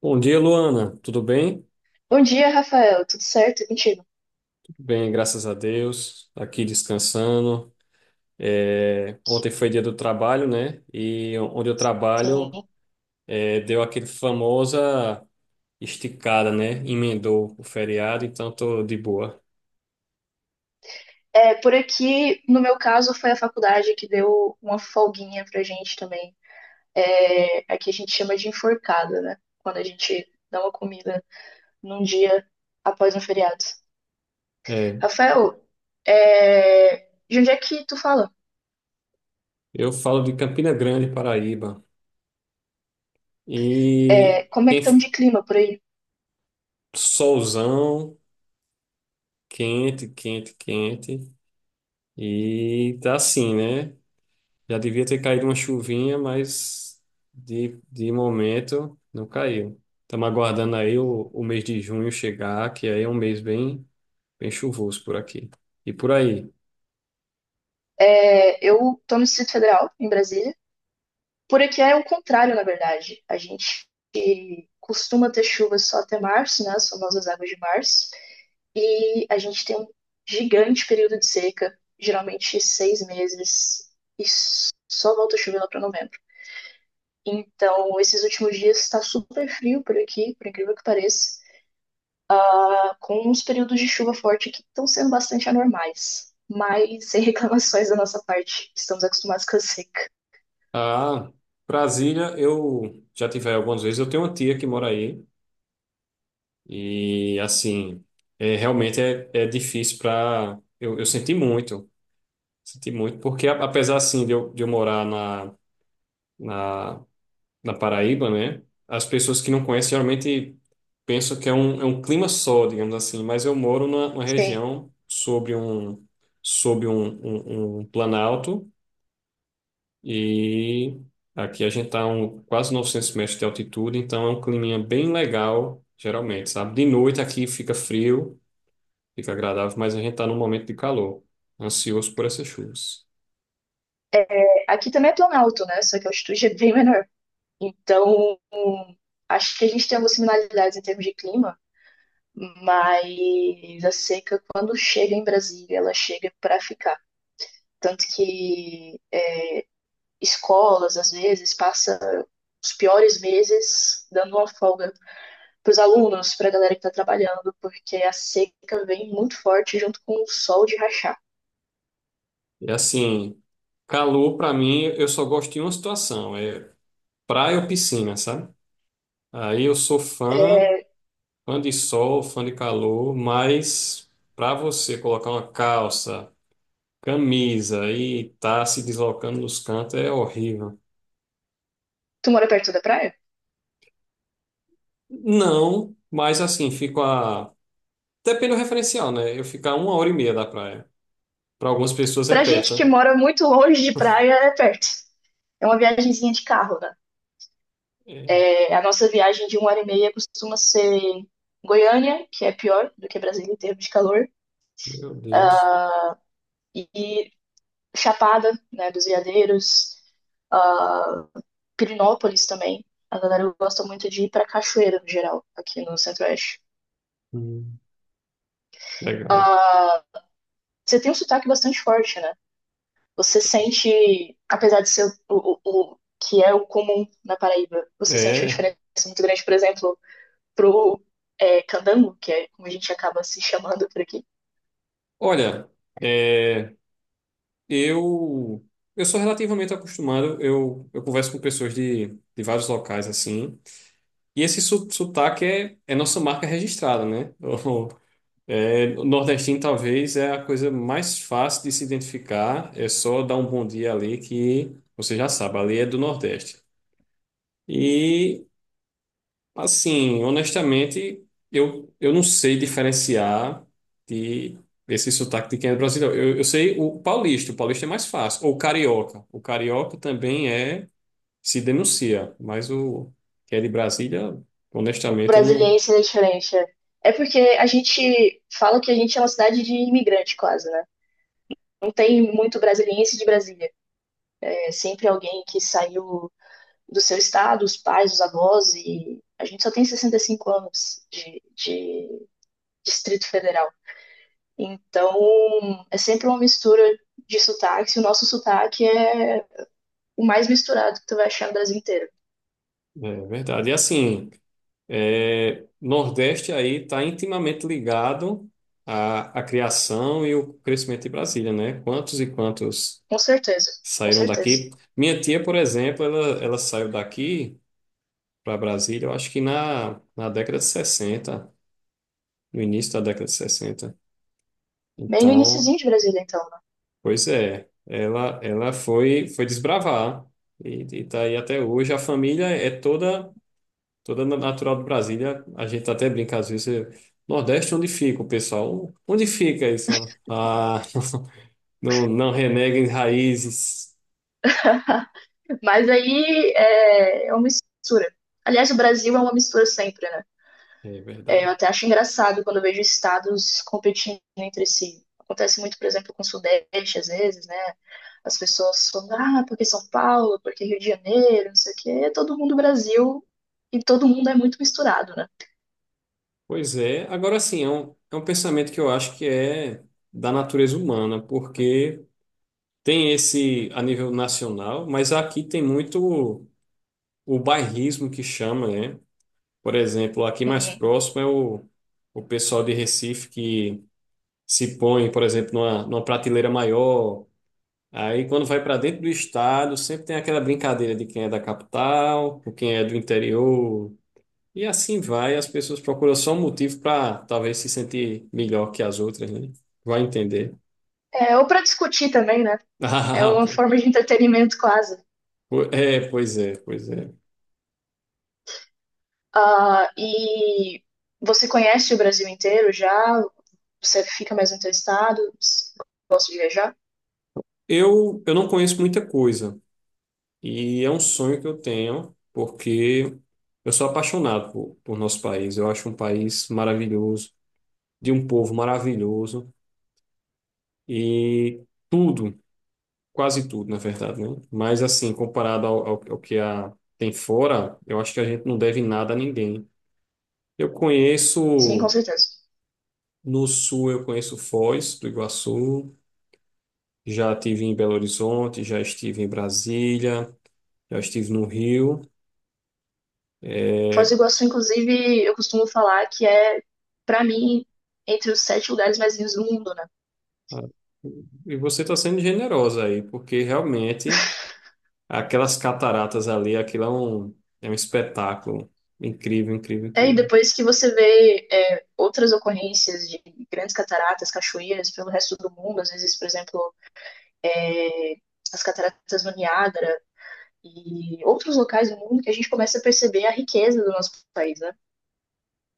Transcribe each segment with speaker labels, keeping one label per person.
Speaker 1: Bom dia, Luana. Tudo bem?
Speaker 2: Bom dia, Rafael. Tudo certo? E Mentira.
Speaker 1: Tudo bem, graças a Deus. Aqui descansando. Ontem foi dia do trabalho, né? E onde eu trabalho,
Speaker 2: Sim.
Speaker 1: deu aquele famosa esticada, né? Emendou o feriado, então tô de boa.
Speaker 2: É, por aqui, no meu caso, foi a faculdade que deu uma folguinha pra gente também. É, aqui a gente chama de enforcada, né? Quando a gente dá uma comida num dia após um feriado.
Speaker 1: É,
Speaker 2: Rafael, de onde é que tu fala?
Speaker 1: eu falo de Campina Grande, Paraíba. E
Speaker 2: É, como é que
Speaker 1: quem
Speaker 2: estamos de clima por aí?
Speaker 1: solzão, quente, quente, quente. E tá assim, né? Já devia ter caído uma chuvinha, mas de momento não caiu. Estamos aguardando aí o mês de junho chegar, que aí é um mês bem, bem chuvoso por aqui. E por aí.
Speaker 2: Eu tô no Distrito Federal, em Brasília. Por aqui é o contrário, na verdade. A gente costuma ter chuvas só até março, né? As famosas águas de março. E a gente tem um gigante período de seca, geralmente seis meses, e só volta a chover lá para novembro. Então, esses últimos dias está super frio por aqui, por incrível que pareça, tá com uns períodos de chuva forte que estão sendo bastante anormais, mas sem reclamações da nossa parte, estamos acostumados com a seca.
Speaker 1: Ah, Brasília, eu já tive aí algumas vezes. Eu tenho uma tia que mora aí. E assim, realmente é difícil para. Eu senti muito. Senti muito, porque apesar assim de eu morar na, na na Paraíba, né? As pessoas que não conhecem geralmente pensam que é um clima só, digamos assim, mas eu moro numa, numa
Speaker 2: Sim,
Speaker 1: região sobre um, um planalto e aqui a gente está um, quase 900 metros de altitude, então é um climinha bem legal, geralmente, sabe? De noite aqui fica frio, fica agradável, mas a gente está num momento de calor, ansioso por essas chuvas.
Speaker 2: aqui também é planalto, né? Só que a altitude é bem menor. Então, acho que a gente tem algumas similaridades em termos de clima, mas a seca, quando chega em Brasília, ela chega para ficar. Tanto que escolas, às vezes, passam os piores meses dando uma folga para os alunos, para a galera que está trabalhando, porque a seca vem muito forte junto com o sol de rachar.
Speaker 1: E assim, calor para mim, eu só gosto de uma situação, é praia ou piscina, sabe? Aí eu sou fã, fã de sol, fã de calor, mas para você colocar uma calça, camisa e tá se deslocando nos cantos é horrível.
Speaker 2: Tu mora perto da praia?
Speaker 1: Não, mas assim, fico a. Depende do referencial, né? Eu fico a uma hora e meia da praia. Para algumas pessoas é
Speaker 2: Pra gente
Speaker 1: perto.
Speaker 2: que
Speaker 1: Né?
Speaker 2: mora muito longe de praia, é perto. É uma viagemzinha de carro, né?
Speaker 1: É,
Speaker 2: É, a nossa viagem de uma hora e meia costuma ser Goiânia, que é pior do que Brasília em termos de calor,
Speaker 1: meu Deus.
Speaker 2: e Chapada, né, dos Veadeiros, uh, Pirinópolis também. A galera gosta muito de ir pra cachoeira, no geral, aqui no Centro-Oeste.
Speaker 1: Hum, legal.
Speaker 2: Uh, você tem um sotaque bastante forte, né? Você sente, apesar de ser o que é o comum na Paraíba, você sente uma
Speaker 1: É.
Speaker 2: diferença muito grande, por exemplo, pro candango, que é como a gente acaba se chamando por aqui.
Speaker 1: Olha, é, eu eu sou relativamente acostumado. Eu converso com pessoas de vários locais assim. E esse sotaque é nossa marca registrada, né? O, É, o nordestino talvez é a coisa mais fácil de se identificar. É só dar um bom dia ali que você já sabe, ali é do Nordeste. E, assim, honestamente, eu não sei diferenciar de esse sotaque de quem é brasileiro. Eu sei o paulista é mais fácil. Ou o carioca. O carioca também se denuncia, mas o que é de Brasília...
Speaker 2: O
Speaker 1: Honestamente, eu
Speaker 2: brasileiro
Speaker 1: não,
Speaker 2: é diferente. É. É porque a gente fala que a gente é uma cidade de imigrante, quase, né? Não tem muito brasiliense de Brasília. É sempre alguém que saiu do seu estado, os pais, os avós, e a gente só tem 65 anos de Distrito Federal. Então, é sempre uma mistura de sotaques, e o nosso sotaque é o mais misturado que tu vai achar no Brasil inteiro.
Speaker 1: é verdade. E assim, é, Nordeste aí está intimamente ligado à, à criação e o crescimento de Brasília, né? Quantos e quantos
Speaker 2: Com certeza, com
Speaker 1: saíram
Speaker 2: certeza.
Speaker 1: daqui? Minha tia, por exemplo, ela saiu daqui para Brasília, eu acho que na, na década de 60, no início da década de 60.
Speaker 2: Bem no
Speaker 1: Então,
Speaker 2: iníciozinho de Brasília, então.
Speaker 1: pois é, ela foi desbravar e está aí até hoje. A família é toda. Toda natural de Brasília, a gente tá até brinca às vezes. Nordeste, onde fica o pessoal? Onde fica isso? Ah, não, não reneguem raízes.
Speaker 2: Né? Mas aí é uma mistura. Aliás, o Brasil é uma mistura sempre, né?
Speaker 1: É
Speaker 2: É, eu
Speaker 1: verdade.
Speaker 2: até acho engraçado quando eu vejo estados competindo entre si. Acontece muito, por exemplo, com o Sudeste, às vezes, né? As pessoas falam: ah, porque São Paulo, porque Rio de Janeiro, não sei o quê. Todo mundo Brasil e todo mundo é muito misturado, né?
Speaker 1: Pois é. Agora sim, é um pensamento que eu acho que é da natureza humana, porque tem esse a nível nacional, mas aqui tem muito o bairrismo que chama, né? Por exemplo, aqui mais
Speaker 2: Uhum.
Speaker 1: próximo é o pessoal de Recife que se põe, por exemplo, numa, numa prateleira maior. Aí, quando vai para dentro do estado, sempre tem aquela brincadeira de quem é da capital, com quem é do interior, e assim vai. As pessoas procuram só um motivo para talvez se sentir melhor que as outras, né? Vai entender.
Speaker 2: É, ou para discutir também, né? É
Speaker 1: Ah,
Speaker 2: uma
Speaker 1: pô.
Speaker 2: forma de entretenimento quase.
Speaker 1: É, pois é, pois é.
Speaker 2: Ah, e você conhece o Brasil inteiro já? Você fica mais entrevistado? Gosta de viajar?
Speaker 1: Eu não conheço muita coisa, e é um sonho que eu tenho, porque eu sou apaixonado por nosso país. Eu acho um país maravilhoso, de um povo maravilhoso, e. Tudo, quase tudo, na verdade, né? Mas assim, comparado ao que a, tem fora, eu acho que a gente não deve nada a ninguém. Eu
Speaker 2: Sim, com
Speaker 1: conheço
Speaker 2: certeza.
Speaker 1: no sul, eu conheço Foz do Iguaçu, já estive em Belo Horizonte, já estive em Brasília, já estive no Rio.
Speaker 2: Foz do
Speaker 1: É,
Speaker 2: Iguaçu, inclusive, eu costumo falar que é, pra mim, entre os sete lugares mais lindos do mundo, né?
Speaker 1: e você está sendo generosa aí, porque realmente aquelas cataratas ali, aquilo é um espetáculo incrível, incrível,
Speaker 2: E
Speaker 1: incrível.
Speaker 2: depois que você vê outras ocorrências de grandes cataratas, cachoeiras pelo resto do mundo, às vezes, por exemplo, é, as cataratas do Niágara e outros locais do mundo, que a gente começa a perceber a riqueza do nosso país, né?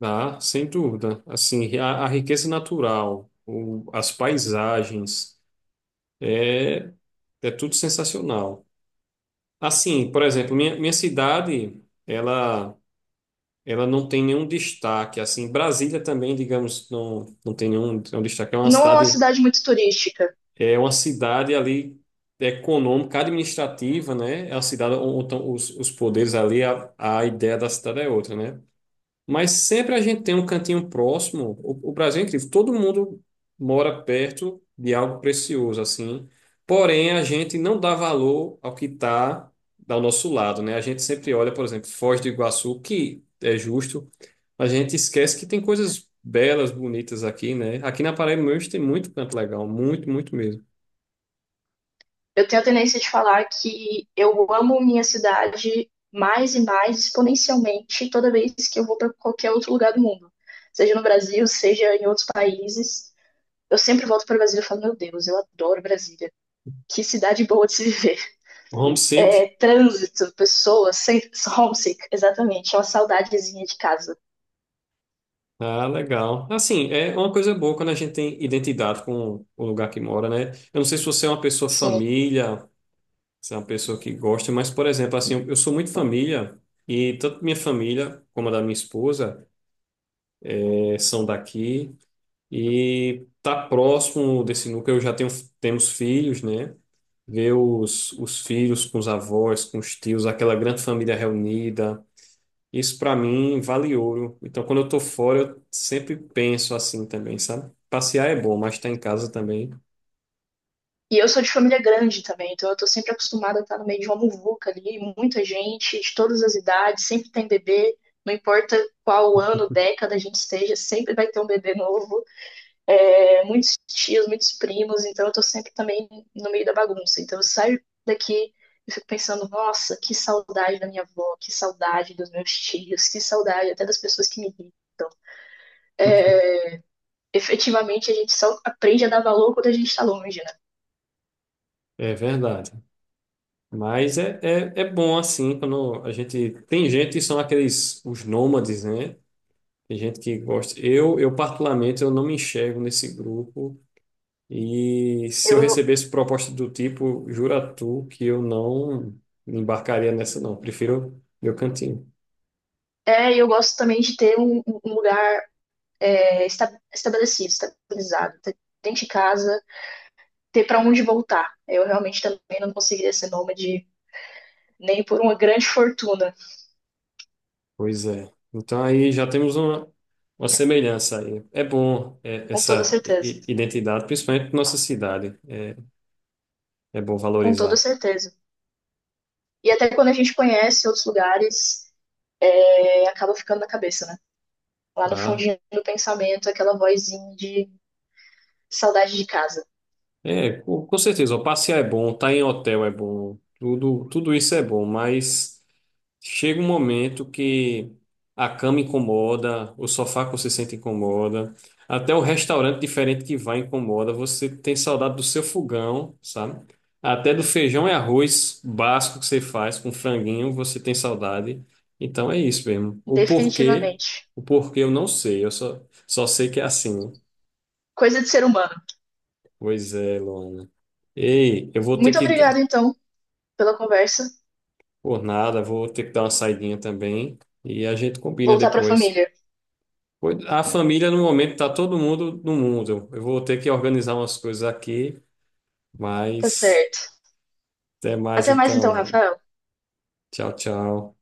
Speaker 1: Ah, sem dúvida. Assim, a riqueza natural, as paisagens, é, é tudo sensacional. Assim, por exemplo, minha cidade, ela não tem nenhum destaque. Assim, Brasília também, digamos, não, não tem nenhum, nenhum destaque.
Speaker 2: Não é uma cidade muito turística,
Speaker 1: É uma cidade ali econômica, administrativa, né? É uma cidade onde os poderes ali, a ideia da cidade é outra, né? Mas sempre a gente tem um cantinho próximo. O Brasil é incrível. Todo mundo mora perto de algo precioso, assim. Porém, a gente não dá valor ao que está ao nosso lado, né? A gente sempre olha, por exemplo, Foz do Iguaçu, que é justo. A gente esquece que tem coisas belas, bonitas aqui, né? Aqui na Paraíba mesmo tem muito canto legal. Muito, muito mesmo.
Speaker 2: eu tenho a tendência de falar que eu amo minha cidade mais e mais exponencialmente toda vez que eu vou para qualquer outro lugar do mundo, seja no Brasil, seja em outros países. Eu sempre volto para o Brasil e falo: Meu Deus, eu adoro Brasília. Que cidade boa de se viver. É,
Speaker 1: Homesick.
Speaker 2: trânsito, pessoas, sem- homesick, exatamente. É uma saudadezinha de casa.
Speaker 1: Ah, legal. Assim, é uma coisa boa quando a gente tem identidade com o lugar que mora, né? Eu não sei se você é uma pessoa
Speaker 2: Sim.
Speaker 1: família, você é uma pessoa que gosta, mas, por exemplo, assim, eu sou muito família, e tanto minha família como a da minha esposa são daqui, e tá próximo desse núcleo, temos filhos, né? Ver os filhos com os avós, com os tios, aquela grande família reunida, isso para mim vale ouro. Então, quando eu tô fora, eu sempre penso assim também, sabe? Passear é bom, mas estar em casa também.
Speaker 2: E eu sou de família grande também, então eu tô sempre acostumada a estar no meio de uma muvuca ali, muita gente, de todas as idades, sempre tem bebê, não importa qual ano, década a gente esteja, sempre vai ter um bebê novo, muitos tios, muitos primos, então eu tô sempre também no meio da bagunça. Então eu saio daqui e fico pensando: nossa, que saudade da minha avó, que saudade dos meus tios, que saudade até das pessoas que me irritam. Efetivamente a gente só aprende a dar valor quando a gente tá longe, né?
Speaker 1: É verdade. Mas é bom assim, quando a gente. Tem gente que são aqueles, os nômades, né? Tem gente que gosta. Eu particularmente, eu não me enxergo nesse grupo. E se
Speaker 2: Eu
Speaker 1: eu recebesse proposta do tipo, jura tu que eu não me embarcaria nessa, não. Prefiro meu cantinho.
Speaker 2: É, e eu gosto também de ter um lugar estabelecido, estabilizado, dentro de casa, ter para onde voltar. Eu realmente também não conseguiria ser nômade nem por uma grande fortuna,
Speaker 1: Pois é. Então aí já temos uma semelhança aí. É bom é,
Speaker 2: com toda
Speaker 1: essa
Speaker 2: certeza.
Speaker 1: identidade, principalmente na nossa cidade. É, é bom
Speaker 2: Com toda
Speaker 1: valorizar.
Speaker 2: certeza. E até quando a gente conhece outros lugares, acaba ficando na cabeça, né? Lá no
Speaker 1: Tá?
Speaker 2: fundinho do pensamento, aquela vozinha de saudade de casa.
Speaker 1: É, com certeza, ó, passear é bom, estar em hotel é bom, tudo, tudo isso é bom, mas chega um momento que a cama incomoda, o sofá que você sente incomoda, até o restaurante diferente que vai incomoda, você tem saudade do seu fogão, sabe? Até do feijão e arroz básico que você faz com franguinho, você tem saudade. Então é isso mesmo.
Speaker 2: Definitivamente.
Speaker 1: O porquê eu não sei, só sei que é assim. Né?
Speaker 2: Coisa de ser humano.
Speaker 1: Pois é, Luana. Ei, eu vou ter
Speaker 2: Muito
Speaker 1: que.
Speaker 2: obrigada, então, pela conversa.
Speaker 1: Por nada, vou ter que dar uma saidinha também. E a gente combina
Speaker 2: Voltar para a
Speaker 1: depois.
Speaker 2: família.
Speaker 1: A família, no momento, tá todo mundo no mundo. Eu vou ter que organizar umas coisas aqui,
Speaker 2: Tá
Speaker 1: mas
Speaker 2: certo.
Speaker 1: até mais
Speaker 2: Até mais,
Speaker 1: então,
Speaker 2: então,
Speaker 1: Luana.
Speaker 2: Rafael.
Speaker 1: Tchau, tchau.